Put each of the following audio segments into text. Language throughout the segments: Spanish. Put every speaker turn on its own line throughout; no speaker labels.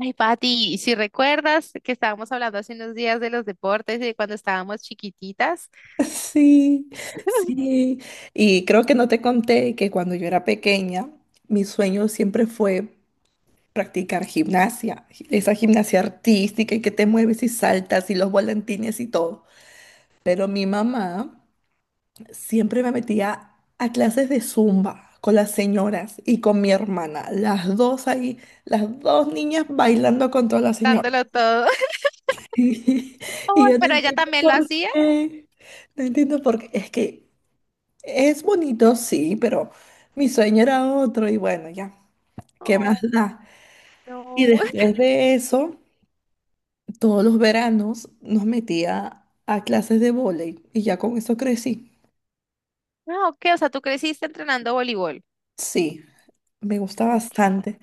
Ay, Pati, si recuerdas que estábamos hablando hace unos días de los deportes y de cuando estábamos chiquititas,
Sí, sí. Y creo que no te conté que cuando yo era pequeña, mi sueño siempre fue practicar gimnasia, esa gimnasia artística y que te mueves y saltas y los volantines y todo. Pero mi mamá siempre me metía a clases de zumba con las señoras y con mi hermana, las dos ahí, las dos niñas bailando con todas las señoras.
dándolo todo. Oh,
Yo no
pero ella
entiendo
también lo
por
hacía.
qué, no entiendo por qué, es que... Es bonito, sí, pero mi sueño era otro y bueno, ya, ¿qué más
Oh,
da? Y
no.
después de eso, todos los veranos nos metía a clases de vóley y ya con eso crecí.
Ah, ok, o sea, tú creciste entrenando voleibol.
Sí, me gusta
Ok,
bastante.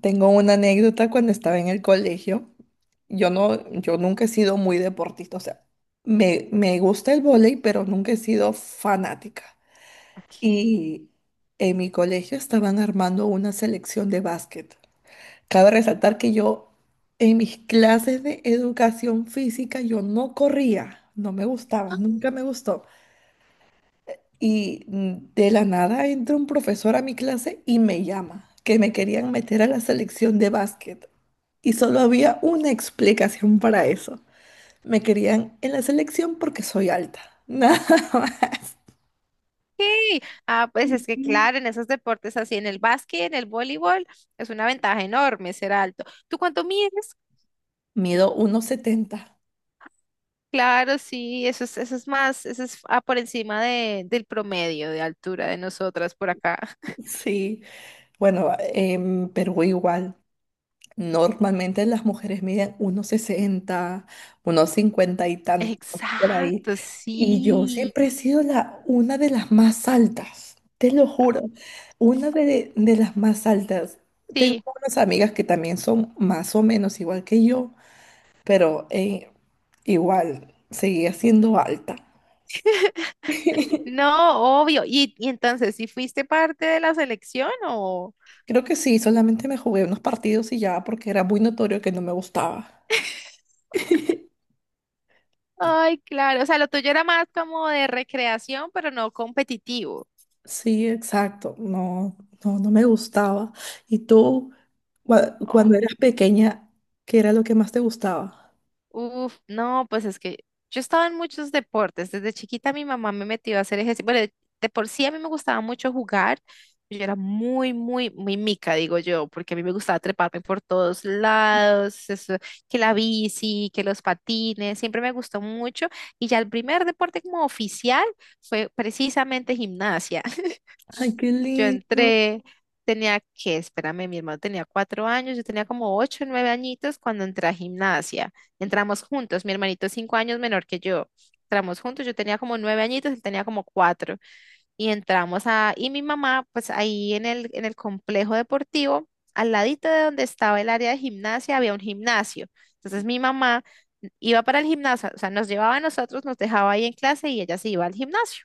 Tengo una anécdota cuando estaba en el colegio. Yo no, yo nunca he sido muy deportista, o sea, me gusta el vóley, pero nunca he sido fanática.
ok.
Y en mi colegio estaban armando una selección de básquet. Cabe resaltar que yo en mis clases de educación física yo no corría, no me gustaba, nunca me gustó. Y de la nada entra un profesor a mi clase y me llama, que me querían meter a la selección de básquet. Y solo había una explicación para eso. Me querían en la selección porque soy alta. Nada más.
Ok. Ah, pues es que
Ujú.
claro, en esos deportes así, en el básquet, en el voleibol, es una ventaja enorme ser alto. ¿Tú cuánto mides?
Mido 1,70.
Claro, sí, eso es más, eso es por encima del promedio de altura de nosotras por acá.
Sí, bueno, en Perú igual. Normalmente las mujeres miden unos 60, unos 50 y tantos por ahí.
Exacto,
Y yo
sí,
siempre he sido una de las más altas, te lo juro, de las más altas. Tengo
sí,
unas amigas que también son más o menos igual que yo, pero igual seguía siendo alta.
no, obvio. Y entonces, ¿si fuiste parte de la selección o...?
Creo que sí, solamente me jugué unos partidos y ya porque era muy notorio que no me gustaba.
Ay, claro, o sea, lo tuyo era más como de recreación, pero no competitivo.
Sí, exacto. No, no, no me gustaba. ¿Y tú, cuando
Oh.
eras pequeña, qué era lo que más te gustaba?
Uf, no, pues es que yo estaba en muchos deportes. Desde chiquita mi mamá me metió a hacer ejercicio. Bueno, de por sí a mí me gustaba mucho jugar. Yo era muy, muy, muy mica, digo yo, porque a mí me gustaba treparme por todos lados, eso, que la bici, que los patines, siempre me gustó mucho. Y ya el primer deporte como oficial fue precisamente gimnasia.
Ay, qué
Yo
lindo.
entré, tenía que, espérame, mi hermano tenía 4 años, yo tenía como 8 o 9 añitos cuando entré a gimnasia. Entramos juntos, mi hermanito es 5 años menor que yo. Entramos juntos, yo tenía como 9 añitos, él tenía como cuatro y entramos a, y mi mamá, pues ahí en el complejo deportivo, al ladito de donde estaba el área de gimnasia, había un gimnasio. Entonces mi mamá iba para el gimnasio, o sea, nos llevaba a nosotros, nos dejaba ahí en clase y ella se iba al gimnasio,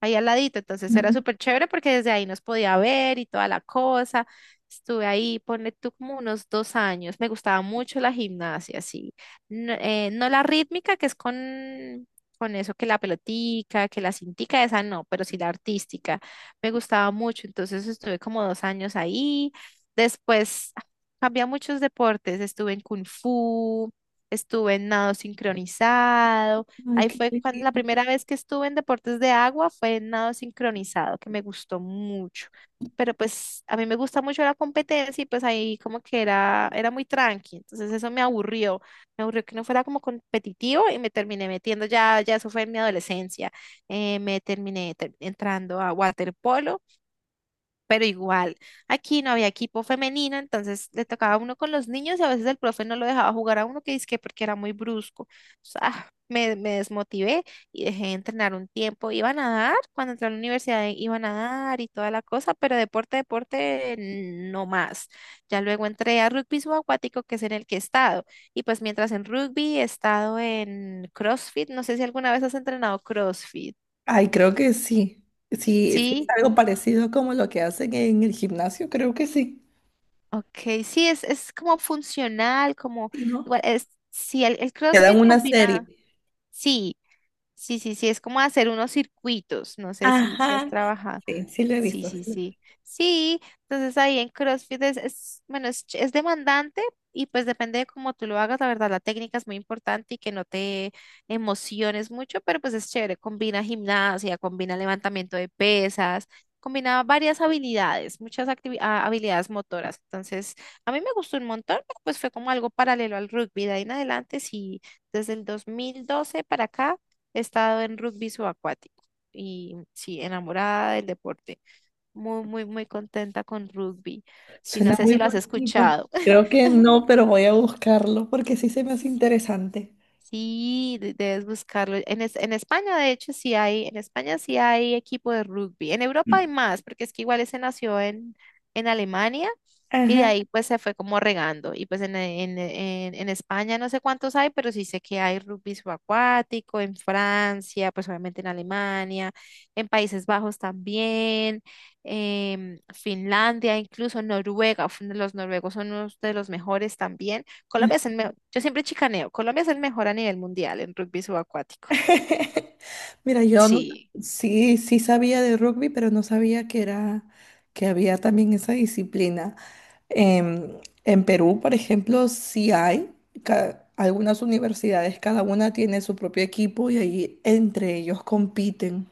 ahí al ladito. Entonces era
Ajá.
súper chévere porque desde ahí nos podía ver y toda la cosa. Estuve ahí, ponle tú como unos 2 años. Me gustaba mucho la gimnasia, sí. No, no la rítmica, que es con eso que la pelotica, que la cintica, esa no, pero sí la artística. Me gustaba mucho, entonces estuve como 2 años ahí. Después cambié a muchos deportes, estuve en kung fu, estuve en nado sincronizado.
Ay,
Ahí
qué
fue cuando la
lindo.
primera vez que estuve en deportes de agua fue en nado sincronizado, que me gustó mucho. Pero pues a mí me gusta mucho la competencia y pues ahí como que era, era muy tranqui, entonces eso me aburrió. Me aburrió que no fuera como competitivo y me terminé metiendo, ya, ya eso fue en mi adolescencia. Me terminé entrando a waterpolo, pero igual, aquí no había equipo femenino, entonces le tocaba a uno con los niños y a veces el profe no lo dejaba jugar a uno que dizque porque era muy brusco. O sea, me desmotivé y dejé de entrenar un tiempo. Iba a nadar, cuando entré a la universidad iba a nadar y toda la cosa, pero deporte, deporte, no más. Ya luego entré a rugby subacuático, que es en el que he estado. Y pues mientras en rugby he estado en CrossFit, no sé si alguna vez has entrenado CrossFit.
Ay, creo que sí. Sí, sí, es
Sí.
algo parecido como lo que hacen en el gimnasio, creo que sí.
Ok, sí, es como funcional, como,
Sí, ¿no?
igual, es, sí, el
Te dan
CrossFit
una serie.
combina, sí, sí, sí, sí, es como hacer unos circuitos, no sé si, si has
Ajá.
trabajado.
Sí, sí lo he
Sí,
visto.
sí,
Sí.
sí. Sí, entonces ahí en CrossFit es, bueno, es, ch- es demandante y pues depende de cómo tú lo hagas, la verdad, la técnica es muy importante y que no te emociones mucho, pero pues es chévere, combina gimnasia, combina levantamiento de pesas, combina varias habilidades, muchas habilidades motoras. Entonces, a mí me gustó un montón, pero pues fue como algo paralelo al rugby. De ahí en adelante, sí, desde el 2012 para acá he estado en rugby subacuático y sí, enamorada del deporte. Muy, muy, muy contenta con rugby. Sí, no
Suena
sé
muy
si lo has
bonito.
escuchado.
Creo que no, pero voy a buscarlo porque sí se me hace interesante.
Sí, debes buscarlo. En España, de hecho, sí hay, en España sí hay equipo de rugby. En Europa hay
Mm.
más, porque es que igual ese nació en Alemania y de
Ajá.
ahí pues se fue como regando. Y pues en España no sé cuántos hay, pero sí sé que hay rugby subacuático, en Francia, pues obviamente en Alemania, en Países Bajos también, en Finlandia, incluso Noruega. Los noruegos son unos de los mejores también. Colombia es el mejor, yo siempre chicaneo, Colombia es el mejor a nivel mundial en rugby subacuático.
Mira, yo no,
Sí.
sí, sí sabía de rugby, pero no sabía que era, que había también esa disciplina. En, en Perú, por ejemplo, sí hay algunas universidades, cada una tiene su propio equipo y ahí entre ellos compiten.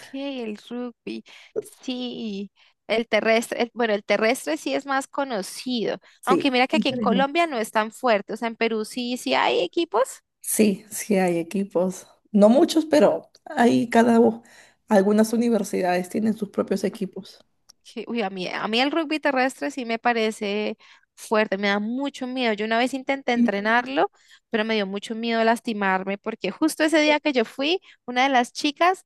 que El rugby, sí. El terrestre, bueno, el terrestre sí es más conocido,
Sí,
aunque mira que aquí
ese
en
mismo.
Colombia no es tan fuerte, o sea, en Perú sí, sí hay equipos.
Sí, sí hay equipos. No muchos, pero hay algunas universidades tienen sus propios equipos.
Sí, uy, a mí el rugby terrestre sí me parece fuerte, me da mucho miedo. Yo una vez intenté entrenarlo, pero me dio mucho miedo lastimarme porque justo ese día que yo fui, una de las chicas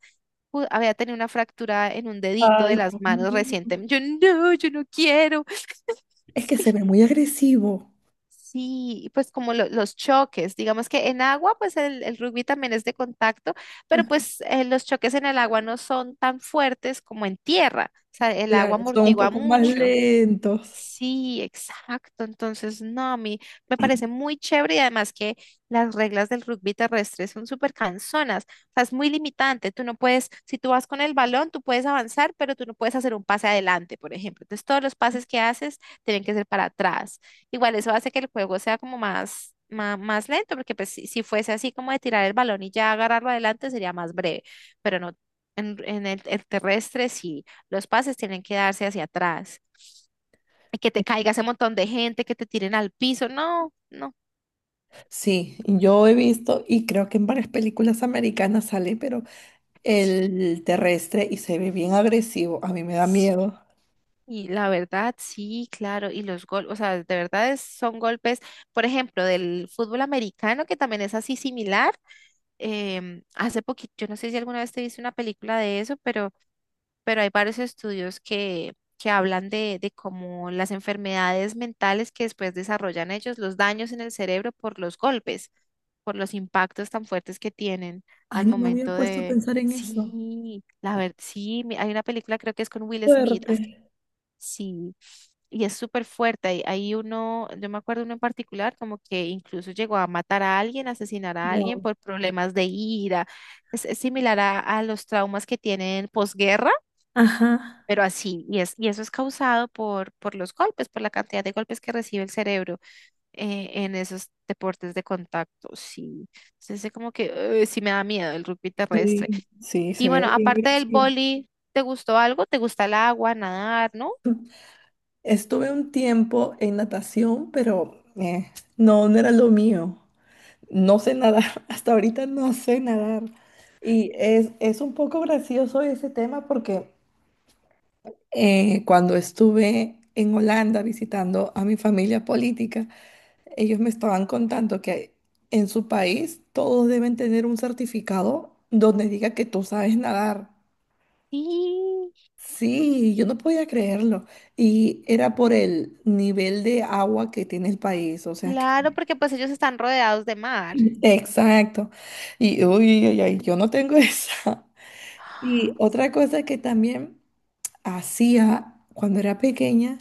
había tenido una fractura en un dedito
Ay,
de las
Dios
manos
mío.
recientemente. Yo no, yo no quiero.
Es que se ve muy agresivo.
Sí, y pues como los choques, digamos que en agua, pues el rugby también es de contacto, pero pues los choques en el agua no son tan fuertes como en tierra, o sea, el agua
Claro, son un
amortigua
poco más
mucho.
lentos.
Sí, exacto. Entonces, no, a mí me parece muy chévere y además que las reglas del rugby terrestre son súper cansonas. O sea, es muy limitante. Tú no puedes, si tú vas con el balón, tú puedes avanzar, pero tú no puedes hacer un pase adelante, por ejemplo. Entonces, todos los pases que haces tienen que ser para atrás. Igual eso hace que el juego sea como más, más, lento, porque pues si, si fuese así como de tirar el balón y ya agarrarlo adelante sería más breve, pero no. En el terrestre, sí, los pases tienen que darse hacia atrás, que te caiga ese montón de gente, que te tiren al piso. No, no.
Sí, yo he visto y creo que en varias películas americanas sale, pero el terrestre y se ve bien agresivo. A mí me da
Sí,
miedo.
y la verdad, sí, claro. Y los golpes, o sea, de verdad son golpes, por ejemplo, del fútbol americano, que también es así similar. Hace poquito, yo no sé si alguna vez te viste una película de eso, pero hay varios estudios que hablan de cómo las enfermedades mentales que después desarrollan ellos, los daños en el cerebro por los golpes, por los impactos tan fuertes que tienen
Ay,
al
no me había
momento
puesto a
de,
pensar en eso.
sí, la verdad, sí, hay una película creo que es con Will Smith, es que...
Fuerte.
sí. Y es súper fuerte. Hay uno, yo me acuerdo uno en particular, como que incluso llegó a matar a alguien, asesinar a alguien
Wow.
por problemas de ira. Es similar a los traumas que tienen posguerra,
Ajá.
pero así, y, es, y eso es causado por los golpes, por la cantidad de golpes que recibe el cerebro en esos deportes de contacto, sí. Entonces, es como que sí me da miedo el rugby
Sí,
terrestre.
sí, se
Y bueno,
ve bien
aparte del
agresivo.
boli, ¿te gustó algo? ¿Te gusta el agua, nadar, no?
Estuve un tiempo en natación, pero no, no era lo mío. No sé nadar, hasta ahorita no sé nadar. Y es un poco gracioso ese tema porque cuando estuve en Holanda visitando a mi familia política, ellos me estaban contando que en su país todos deben tener un certificado donde diga que tú sabes nadar.
Sí,
Sí, yo no podía creerlo. Y era por el nivel de agua que tiene el país, o sea que...
claro, porque pues ellos están rodeados de mar.
Exacto. Y uy, ay, ay, yo no tengo esa. Y otra cosa que también hacía cuando era pequeña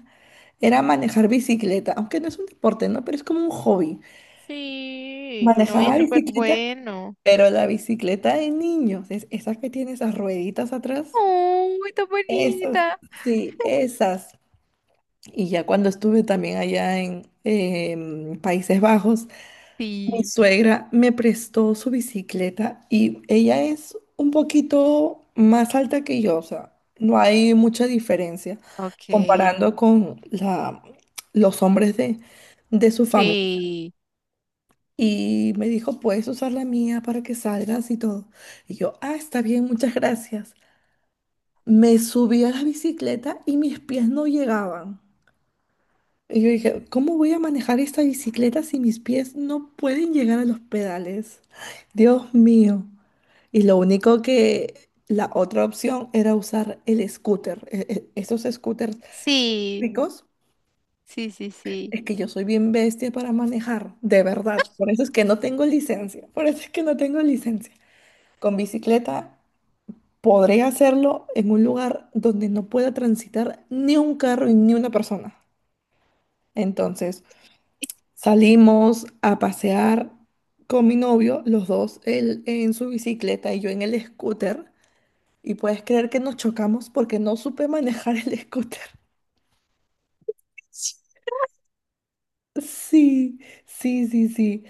era manejar bicicleta, aunque no es un deporte, ¿no? Pero es como un hobby.
Sí, no, y
Manejaba
es
sí,
súper
bicicleta,
bueno.
pero la bicicleta de niños, es esa que tiene esas rueditas atrás,
¡Uy, tan
esas,
bonita!
sí, esas. Y ya cuando estuve también allá en Países Bajos, mi
Sí,
suegra me prestó su bicicleta y ella es un poquito más alta que yo, o sea, no hay mucha diferencia
ok.
comparando con los hombres de su familia.
Sí,
Y me dijo, puedes usar la mía para que salgas y todo. Y yo, ah, está bien, muchas gracias. Me subí a la bicicleta y mis pies no llegaban. Y yo dije, ¿cómo voy a manejar esta bicicleta si mis pies no pueden llegar a los pedales? Dios mío. Y lo único que la otra opción era usar el scooter. Esos scooters
sí.
ricos,
Sí, sí, sí.
es que yo soy bien bestia para manejar, de verdad. Por eso es que no tengo licencia. Por eso es que no tengo licencia. Con bicicleta podré hacerlo en un lugar donde no pueda transitar ni un carro y ni una persona. Entonces, salimos a pasear con mi novio, los dos, él en su bicicleta y yo en el scooter. Y puedes creer que nos chocamos porque no supe manejar el scooter.
Sí.
Sí, sí, sí, sí.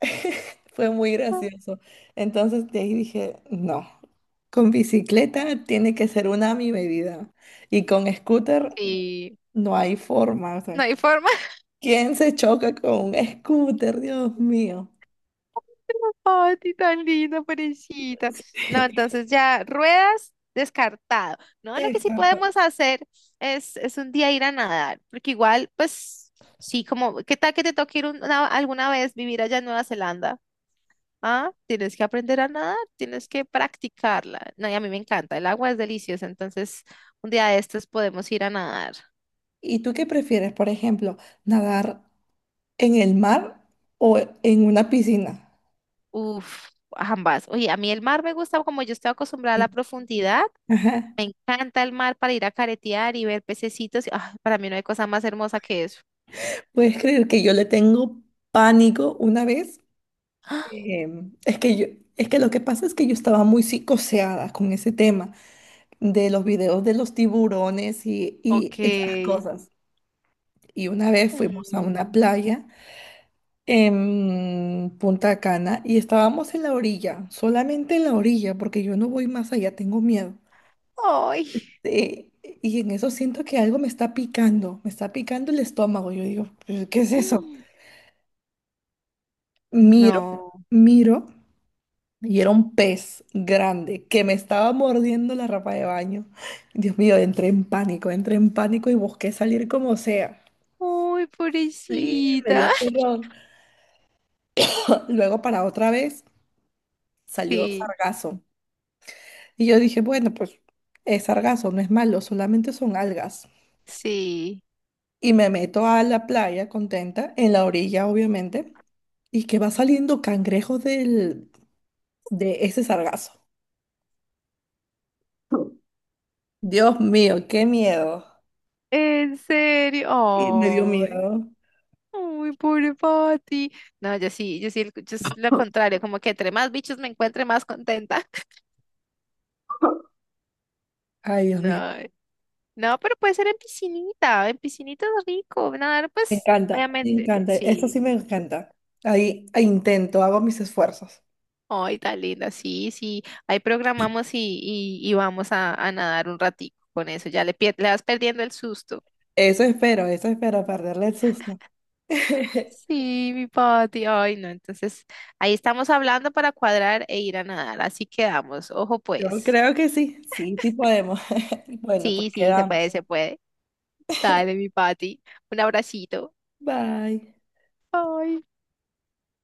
Fue muy gracioso. Entonces de ahí dije, no, con bicicleta tiene que ser una a mi medida. Y con scooter
Sí.
no hay forma. O
No
sea,
hay forma.
¿quién se choca con un scooter? Dios mío.
Ay, ti tan linda, pobrecita. No, entonces ya, ruedas descartado. No,
Te
lo que sí
descarto.
podemos hacer es un día ir a nadar, porque igual, pues, sí, como, ¿qué tal que te toque ir alguna vez vivir allá en Nueva Zelanda? Ah, tienes que aprender a nadar, tienes que practicarla. No, y a mí me encanta, el agua es deliciosa, entonces un día de estos podemos ir a nadar.
¿Y tú qué prefieres, por ejemplo, nadar en el mar o en una piscina?
Uf, ambas. Oye, a mí el mar me gusta como yo estoy acostumbrada a la
Sí.
profundidad.
Ajá.
Me encanta el mar para ir a caretear y ver pececitos. Ah, para mí no hay cosa más hermosa que eso.
¿Puedes creer que yo le tengo pánico una vez? Es que yo, es que lo que pasa es que yo estaba muy psicoseada con ese tema de los videos de los tiburones y esas
Ok.
cosas. Y una vez fuimos a una
Mm.
playa en Punta Cana y estábamos en la orilla, solamente en la orilla, porque yo no voy más allá, tengo miedo.
Ay.
Eh, y en eso siento que algo me está picando el estómago. Yo digo, "¿Pero ¿qué es eso?
Mm.
Miro,
No.
miro. Y era un pez grande que me estaba mordiendo la ropa de baño. Dios mío, entré en pánico y busqué salir como sea.
Ay,
Sí, me dio
pobrecita.
terror. Luego para otra vez salió
Sí,
sargazo. Y yo dije, bueno, pues es sargazo, no es malo, solamente son algas.
sí.
Y me meto a la playa contenta, en la orilla obviamente, y que va saliendo cangrejos de ese sargazo. Dios mío, qué miedo.
En
Y me dio
serio. Ay.
miedo.
Ay, pobre Pati. No, yo sí, yo sí, yo es lo contrario, como que entre más bichos me encuentre, más contenta.
Ay, Dios
No.
mío.
No, pero puede ser en piscinita es rico, nadar
Me
pues
encanta, me
obviamente,
encanta. Eso
sí.
sí me encanta. Ahí intento, hago mis esfuerzos.
Ay, tan linda, sí, sí. Ahí programamos y vamos a nadar un ratico con eso, ya le, le vas perdiendo el susto.
Eso espero, perderle el susto.
Sí, mi Pati, ay no, entonces ahí estamos hablando para cuadrar e ir a nadar, así quedamos, ojo
Yo
pues.
creo que sí, sí, sí podemos. Bueno, pues
Sí, sí, se
quedamos.
puede, se puede. Dale, mi Pati, un abracito.
Bye.
Ay.